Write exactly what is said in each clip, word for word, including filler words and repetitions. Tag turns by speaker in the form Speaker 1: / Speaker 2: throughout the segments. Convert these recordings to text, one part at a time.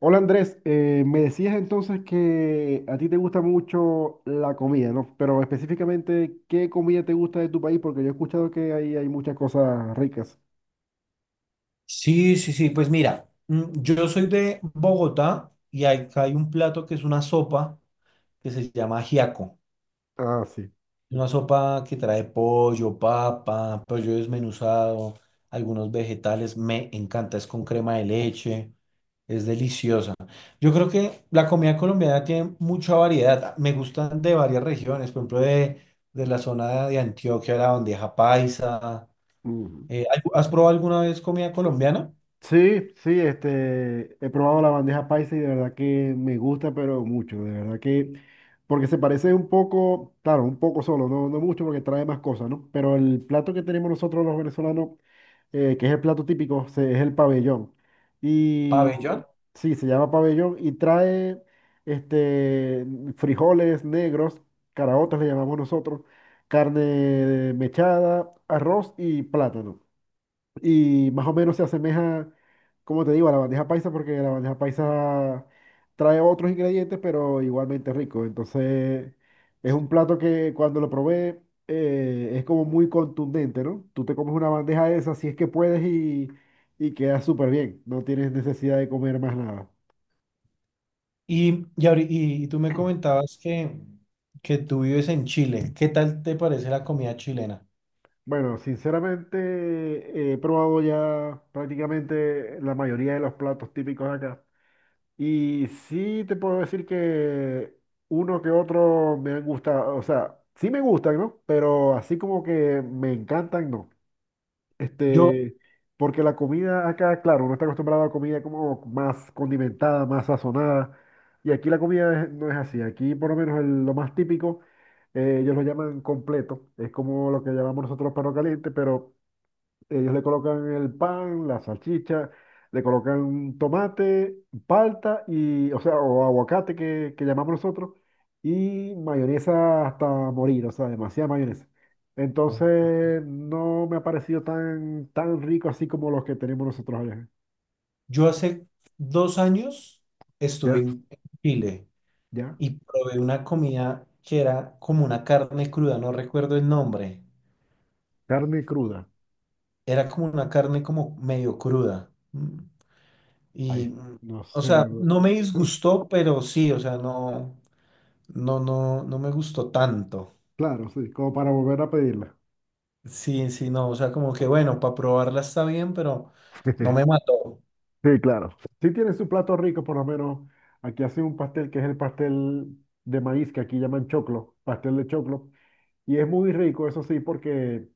Speaker 1: Hola Andrés, eh, me decías entonces que a ti te gusta mucho la comida, ¿no? Pero específicamente, ¿qué comida te gusta de tu país? Porque yo he escuchado que ahí hay muchas cosas ricas.
Speaker 2: Sí, sí, sí, pues mira, mm, yo soy de Bogotá y hay- acá hay un plato que es una sopa que se llama ajiaco.
Speaker 1: Ah, sí.
Speaker 2: Es una sopa que trae pollo, papa, pollo desmenuzado, algunos vegetales. Me encanta, es con crema de leche, es deliciosa. Yo creo que la comida colombiana tiene mucha variedad. Me gustan de varias regiones, por ejemplo, de, de la zona de Antioquia, la bandeja paisa. Eh, ¿Has probado alguna vez comida colombiana?
Speaker 1: Sí, sí, este, he probado la bandeja paisa y de verdad que me gusta, pero mucho, de verdad que, porque se parece un poco, claro, un poco solo, no, no mucho porque trae más cosas, ¿no? Pero el plato que tenemos nosotros los venezolanos, eh, que es el plato típico, se- es el pabellón. Y
Speaker 2: Pabellón.
Speaker 1: sí, se llama pabellón y trae, este, frijoles negros, caraotas le llamamos nosotros, carne mechada, arroz y plátano y más o menos se asemeja, como te digo, a la bandeja paisa porque la bandeja paisa trae otros ingredientes, pero igualmente rico. Entonces, es un plato que cuando lo probé eh, es como muy contundente, ¿no? Tú te comes una bandeja de esas si es que puedes y, y queda súper bien. No tienes necesidad de comer más nada.
Speaker 2: Y, y, ahori- y- y tú me comentabas que, que tú vives en Chile. ¿Qué tal te parece la comida chilena?
Speaker 1: Bueno, sinceramente he probado ya prácticamente la mayoría de los platos típicos de acá. Y sí te puedo decir que uno que otro me han gustado, o sea, sí me gustan, ¿no? Pero así como que me encantan, no.
Speaker 2: Yo,
Speaker 1: Este, Porque la comida acá, claro, uno está acostumbrado a comida como más condimentada, más sazonada, y aquí la comida es- no es así. Aquí por lo menos el- lo más típico, eh, ellos lo llaman completo, es como lo que llamamos nosotros perro caliente, pero ellos le colocan el pan, la salchicha, le colocan tomate, palta y, o sea, o aguacate que, que llamamos nosotros, y mayonesa hasta morir, o sea, demasiada mayonesa. Entonces, no me ha parecido tan, tan rico así como los que tenemos nosotros allá.
Speaker 2: yo hace dos años estuve
Speaker 1: Ya,
Speaker 2: en en Chile
Speaker 1: ya.
Speaker 2: y probé una comida que era como una carne cruda, no recuerdo el nombre.
Speaker 1: Carne cruda.
Speaker 2: Era como una carne como medio cruda. Mm,
Speaker 1: Ahí,
Speaker 2: Y, mm,
Speaker 1: no
Speaker 2: o
Speaker 1: sé de
Speaker 2: sea,
Speaker 1: verdad.
Speaker 2: no me disgustó, pero sí, o sea, no, no, no, no me gustó tanto.
Speaker 1: Claro, sí, como para volver a pedirla.
Speaker 2: Sí, sí, no, o sea, como que bueno, para probarla está bien, pero no me mató.
Speaker 1: Sí, claro. Sí tiene su plato rico, por lo menos. Aquí hacen un pastel que es el pastel de maíz, que aquí llaman choclo, pastel de choclo. Y es muy rico, eso sí, porque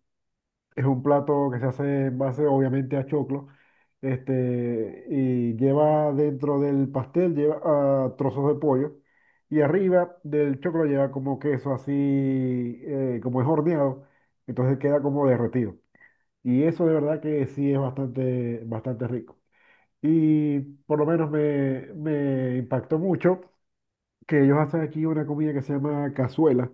Speaker 1: es un plato que se hace en base, obviamente, a choclo. Este, y lleva dentro del pastel, lleva ah, trozos de pollo. Y arriba del choclo lleva como queso así, eh, como es horneado. Entonces queda como derretido. Y eso de verdad que sí es bastante, bastante rico. Y por lo menos me, me impactó mucho que ellos hacen aquí una comida que se llama cazuela,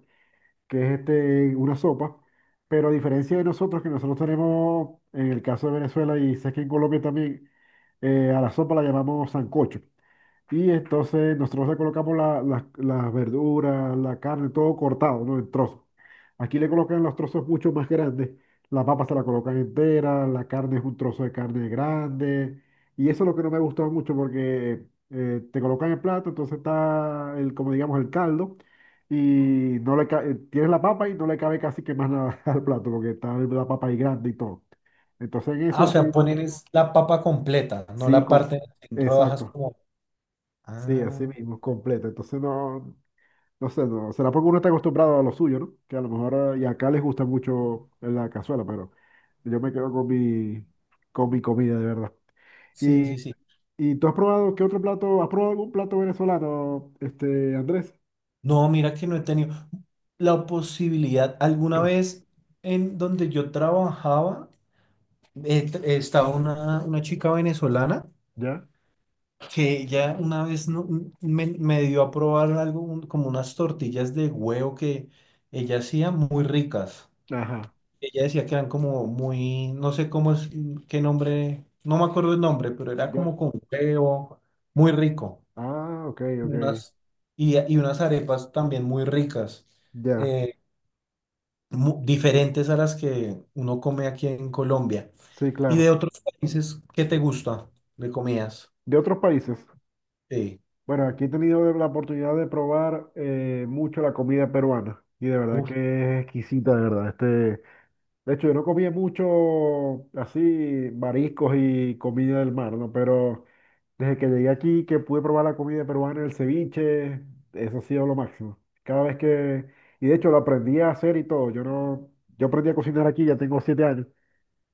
Speaker 1: que es este, una sopa, pero a diferencia de nosotros, que nosotros tenemos, en el caso de Venezuela y sé que en Colombia también, eh, a la sopa la llamamos sancocho. Y entonces nosotros le colocamos la- la- las verduras, la carne, todo cortado, ¿no? En trozos. Aquí le colocan los trozos mucho más grandes. La papa se la colocan entera, la carne es un trozo de carne grande. Y eso es lo que no me ha gustado mucho porque eh, te colocan el plato, entonces está el, como digamos, el caldo y no le ca- eh, tienes la papa y no le cabe casi que más nada al plato, porque está la papa ahí grande y todo. Entonces en
Speaker 2: Ah, o
Speaker 1: eso
Speaker 2: sea,
Speaker 1: sí,
Speaker 2: poner es la papa completa, no
Speaker 1: sí,
Speaker 2: la
Speaker 1: com-
Speaker 2: parte en rodajas
Speaker 1: exacto,
Speaker 2: como…
Speaker 1: sí, así
Speaker 2: Ah,
Speaker 1: mismo, completo. Entonces no, no sé, no, será porque uno está acostumbrado a lo suyo, ¿no? Que a lo mejor, eh, y acá les gusta mucho la cazuela, pero yo me quedo con mi, con mi comida, de verdad.
Speaker 2: sí,
Speaker 1: ¿Y,
Speaker 2: sí, sí.
Speaker 1: y tú has probado qué otro plato? ¿Has probado algún plato venezolano, este, Andrés?
Speaker 2: No, mira que no he tenido la posibilidad. Alguna vez en donde yo trabajaba, eh, t- estaba una, una chica venezolana
Speaker 1: ¿Ya?
Speaker 2: que ella una vez no- me, me dio a probar algo, un- como unas tortillas de huevo que ella hacía muy ricas.
Speaker 1: Ajá.
Speaker 2: Ella decía que eran como muy, no sé cómo es, qué nombre, no me acuerdo el nombre, pero era como
Speaker 1: ¿Ya?
Speaker 2: con huevo, muy rico.
Speaker 1: Ah, ok,
Speaker 2: Y
Speaker 1: ok.
Speaker 2: unas, y, y unas arepas también muy ricas,
Speaker 1: Ya,
Speaker 2: eh, mu- diferentes a las que uno come aquí en Colombia.
Speaker 1: sí,
Speaker 2: ¿Y de
Speaker 1: claro.
Speaker 2: otros países qué te gusta de comidas?
Speaker 1: De otros países.
Speaker 2: Sí,
Speaker 1: Bueno, aquí he tenido la oportunidad de probar eh, mucho la comida peruana y de verdad
Speaker 2: uf,
Speaker 1: que es exquisita, de verdad. Este, de hecho, yo no comía mucho así mariscos y comida del mar, ¿no? Pero desde que llegué aquí, que pude probar la comida peruana, el ceviche, eso ha sido lo máximo. Cada vez que, y de hecho lo aprendí a hacer y todo. Yo no, yo aprendí a cocinar aquí, ya tengo siete años.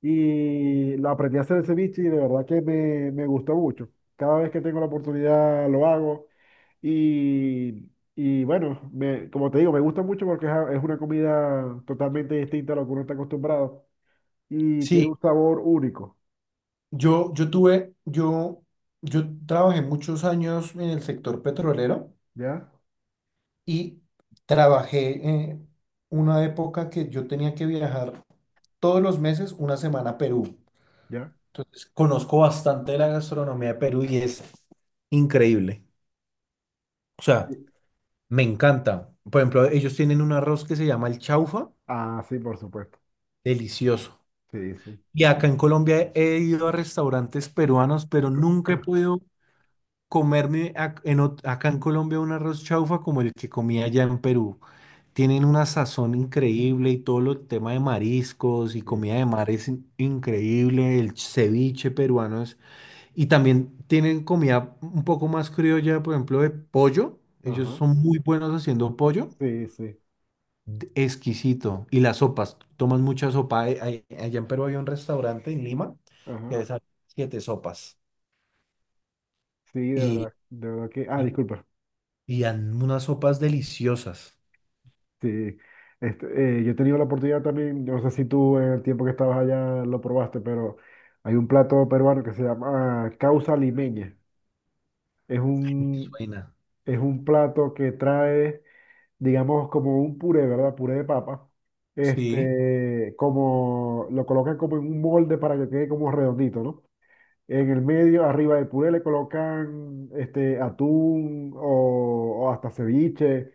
Speaker 1: Y lo aprendí a hacer el ceviche y de verdad que me, me gusta mucho. Cada vez que tengo la oportunidad lo hago y, y bueno, me, como te digo, me gusta mucho porque es, a- es una comida totalmente distinta a lo que uno está acostumbrado y tiene
Speaker 2: sí,
Speaker 1: un sabor único,
Speaker 2: yo, yo tuve, yo, yo trabajé muchos años en el sector petrolero.
Speaker 1: ¿ya?
Speaker 2: Y trabajé eh, una época que yo tenía que viajar todos los meses una semana a Perú.
Speaker 1: ¿Ya?
Speaker 2: Entonces, conozco bastante de la gastronomía de Perú y es increíble. O sea,
Speaker 1: Sí.
Speaker 2: me encanta. Por ejemplo, ellos tienen un arroz que se llama el chaufa,
Speaker 1: Ah, sí, por supuesto.
Speaker 2: delicioso.
Speaker 1: Sí, sí.
Speaker 2: Y acá en Colombia he ido a restaurantes peruanos, pero nunca he podido comerme ac- en ot- acá en Colombia un arroz chaufa como el que comía allá en Perú. Tienen una sazón increíble y todo lo tema de mariscos y
Speaker 1: Sí.
Speaker 2: comida de mar es in- increíble, el ceviche peruano es- y también tienen comida un poco más criolla, por ejemplo, de pollo. Ellos
Speaker 1: Ajá.
Speaker 2: son muy buenos haciendo pollo,
Speaker 1: Sí, sí.
Speaker 2: d- exquisito. Y las sopas, toman mucha sopa. Ay- ay- Allá en Perú había un restaurante en Lima que
Speaker 1: Ajá.
Speaker 2: hacía siete sopas
Speaker 1: Sí, de
Speaker 2: y,
Speaker 1: verdad. De verdad que. Ah,
Speaker 2: y,
Speaker 1: disculpa.
Speaker 2: y dan unas sopas deliciosas.
Speaker 1: Sí, este, eh, yo he tenido la oportunidad también, yo no sé si tú en el tiempo que estabas allá lo probaste, pero hay un plato peruano que se llama causa limeña. Es un,
Speaker 2: Suena.
Speaker 1: es un plato que trae, digamos, como un puré, ¿verdad? Puré de papa.
Speaker 2: Sí.
Speaker 1: Este, como lo colocan como en un molde para que quede como redondito, ¿no? En el medio, arriba del puré, le colocan este, atún o, o hasta ceviche.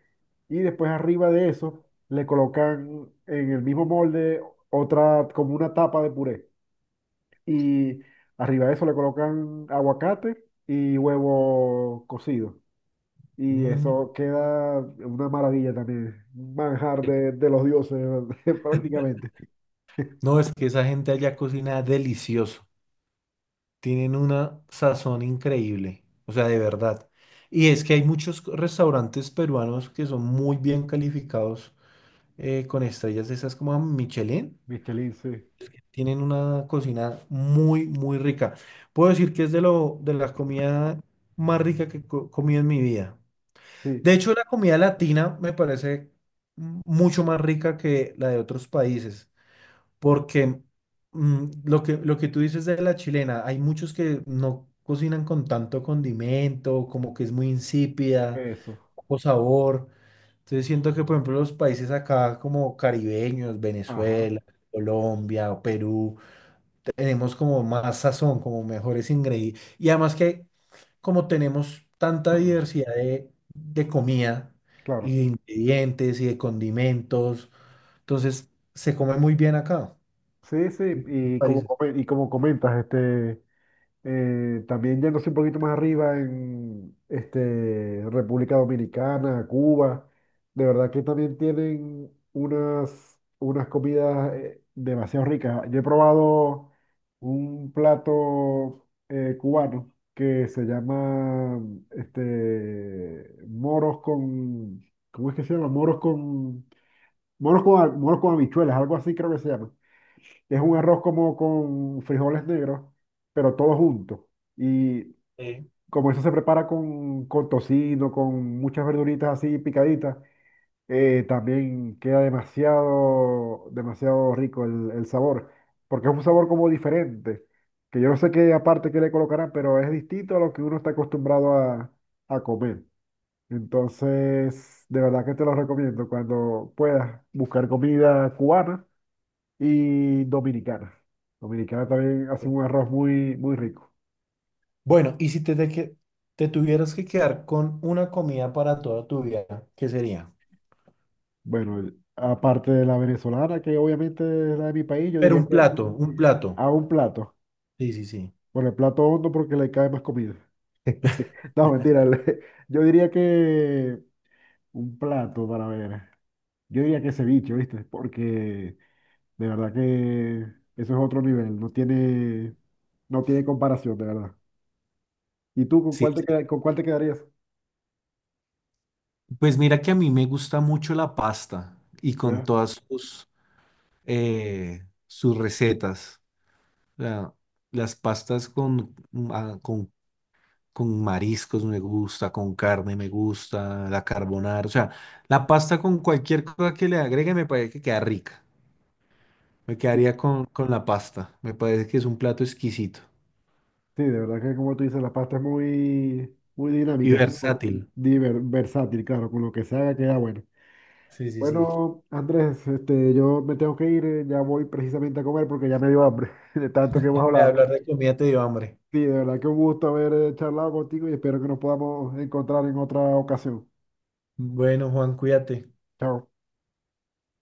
Speaker 1: Y después arriba de eso, le colocan en el mismo molde otra, como una tapa de puré. Y arriba de eso le colocan aguacate y huevo cocido. Y
Speaker 2: Mm.
Speaker 1: eso queda una maravilla también. Un manjar de, de los dioses, prácticamente.
Speaker 2: No, es que esa gente allá cocina delicioso. Tienen una sazón increíble. O sea, de verdad. Y es que hay muchos co- restaurantes peruanos que son muy bien calificados eh, con estrellas de esas como Michelin.
Speaker 1: Michelin, sí.
Speaker 2: Tienen una cocina muy, muy rica. Puedo decir que es de lo, de la comida más rica que co- comí en mi vida.
Speaker 1: Sí,
Speaker 2: De hecho, la comida latina me parece mm, mucho más rica que la de otros países, porque mm, lo que, lo que tú dices de la chilena, hay muchos que no cocinan con tanto condimento, como que es muy insípida,
Speaker 1: eso.
Speaker 2: poco sabor. Entonces siento que, por ejemplo, los países acá como caribeños,
Speaker 1: Ajá.
Speaker 2: Venezuela, Colombia o Perú, tenemos como más sazón, como mejores ingredientes. Y además que como tenemos tanta diversidad de, de comida
Speaker 1: Claro.
Speaker 2: y de ingredientes y de condimentos, entonces se come muy bien acá.
Speaker 1: Sí, sí, y como,
Speaker 2: Países.
Speaker 1: come- y como comentas, este, eh, también yéndose un poquito más arriba en este, República Dominicana, Cuba, de verdad que también tienen unas, unas comidas eh, demasiado ricas. Yo he probado un plato eh, cubano que se llama este, moros con, ¿cómo es que se llama? Moros con, moros con, moros con habichuelas, algo así creo que se llama. Es un arroz como con frijoles negros, pero todo junto. Y como eso se prepara con, con tocino, con muchas verduritas así picaditas, eh, también queda demasiado, demasiado rico el, el sabor, porque es un sabor como diferente, que yo no sé qué aparte que le colocarán, pero es distinto a lo que uno está acostumbrado a, a comer. Entonces, de verdad que te lo recomiendo. Cuando puedas buscar comida cubana y dominicana. Dominicana también hace un arroz muy, muy rico.
Speaker 2: Bueno, y si te, te, que- te tuvieras que quedar con una comida para toda tu vida, ¿qué sería?
Speaker 1: Bueno, el- aparte de la venezolana, que obviamente es la de mi país, yo
Speaker 2: Pero
Speaker 1: diría
Speaker 2: un
Speaker 1: que
Speaker 2: plato, un plato.
Speaker 1: a un plato,
Speaker 2: Sí, sí, sí.
Speaker 1: por el plato hondo porque le cae más comida. No, mentira, le- yo diría que un plato para ver. Yo diría que ceviche, ¿viste? Porque de verdad que eso es otro nivel, no tiene, no tiene comparación, de verdad. ¿Y tú con
Speaker 2: Sí,
Speaker 1: cuál te
Speaker 2: sí.
Speaker 1: queda- con cuál te quedarías?
Speaker 2: Pues mira que a mí me gusta mucho la pasta y con
Speaker 1: ¿Ya?
Speaker 2: todas sus, eh, sus recetas. O sea, las pastas con, mm, ah, con, con mariscos me gusta, con carne me gusta, la carbonara. O sea, la pasta con cualquier cosa que le agregue me parece que queda rica. Me quedaría con, con la pasta. Me parece que es un plato exquisito
Speaker 1: Sí, de verdad que como tú dices, la pasta es muy, muy
Speaker 2: y
Speaker 1: dinámica, es co-
Speaker 2: versátil.
Speaker 1: diver- versátil, claro, con lo que se haga queda bueno.
Speaker 2: Sí, sí, sí.
Speaker 1: Bueno, Andrés, este, yo me tengo que ir, eh, ya voy precisamente a comer porque ya me dio hambre de tanto que hemos
Speaker 2: De
Speaker 1: hablado.
Speaker 2: hablar de comida te dio hambre.
Speaker 1: Sí, de verdad que un gusto haber eh, charlado contigo y espero que nos podamos encontrar en otra ocasión.
Speaker 2: Bueno, Juan, cuídate.
Speaker 1: Chao.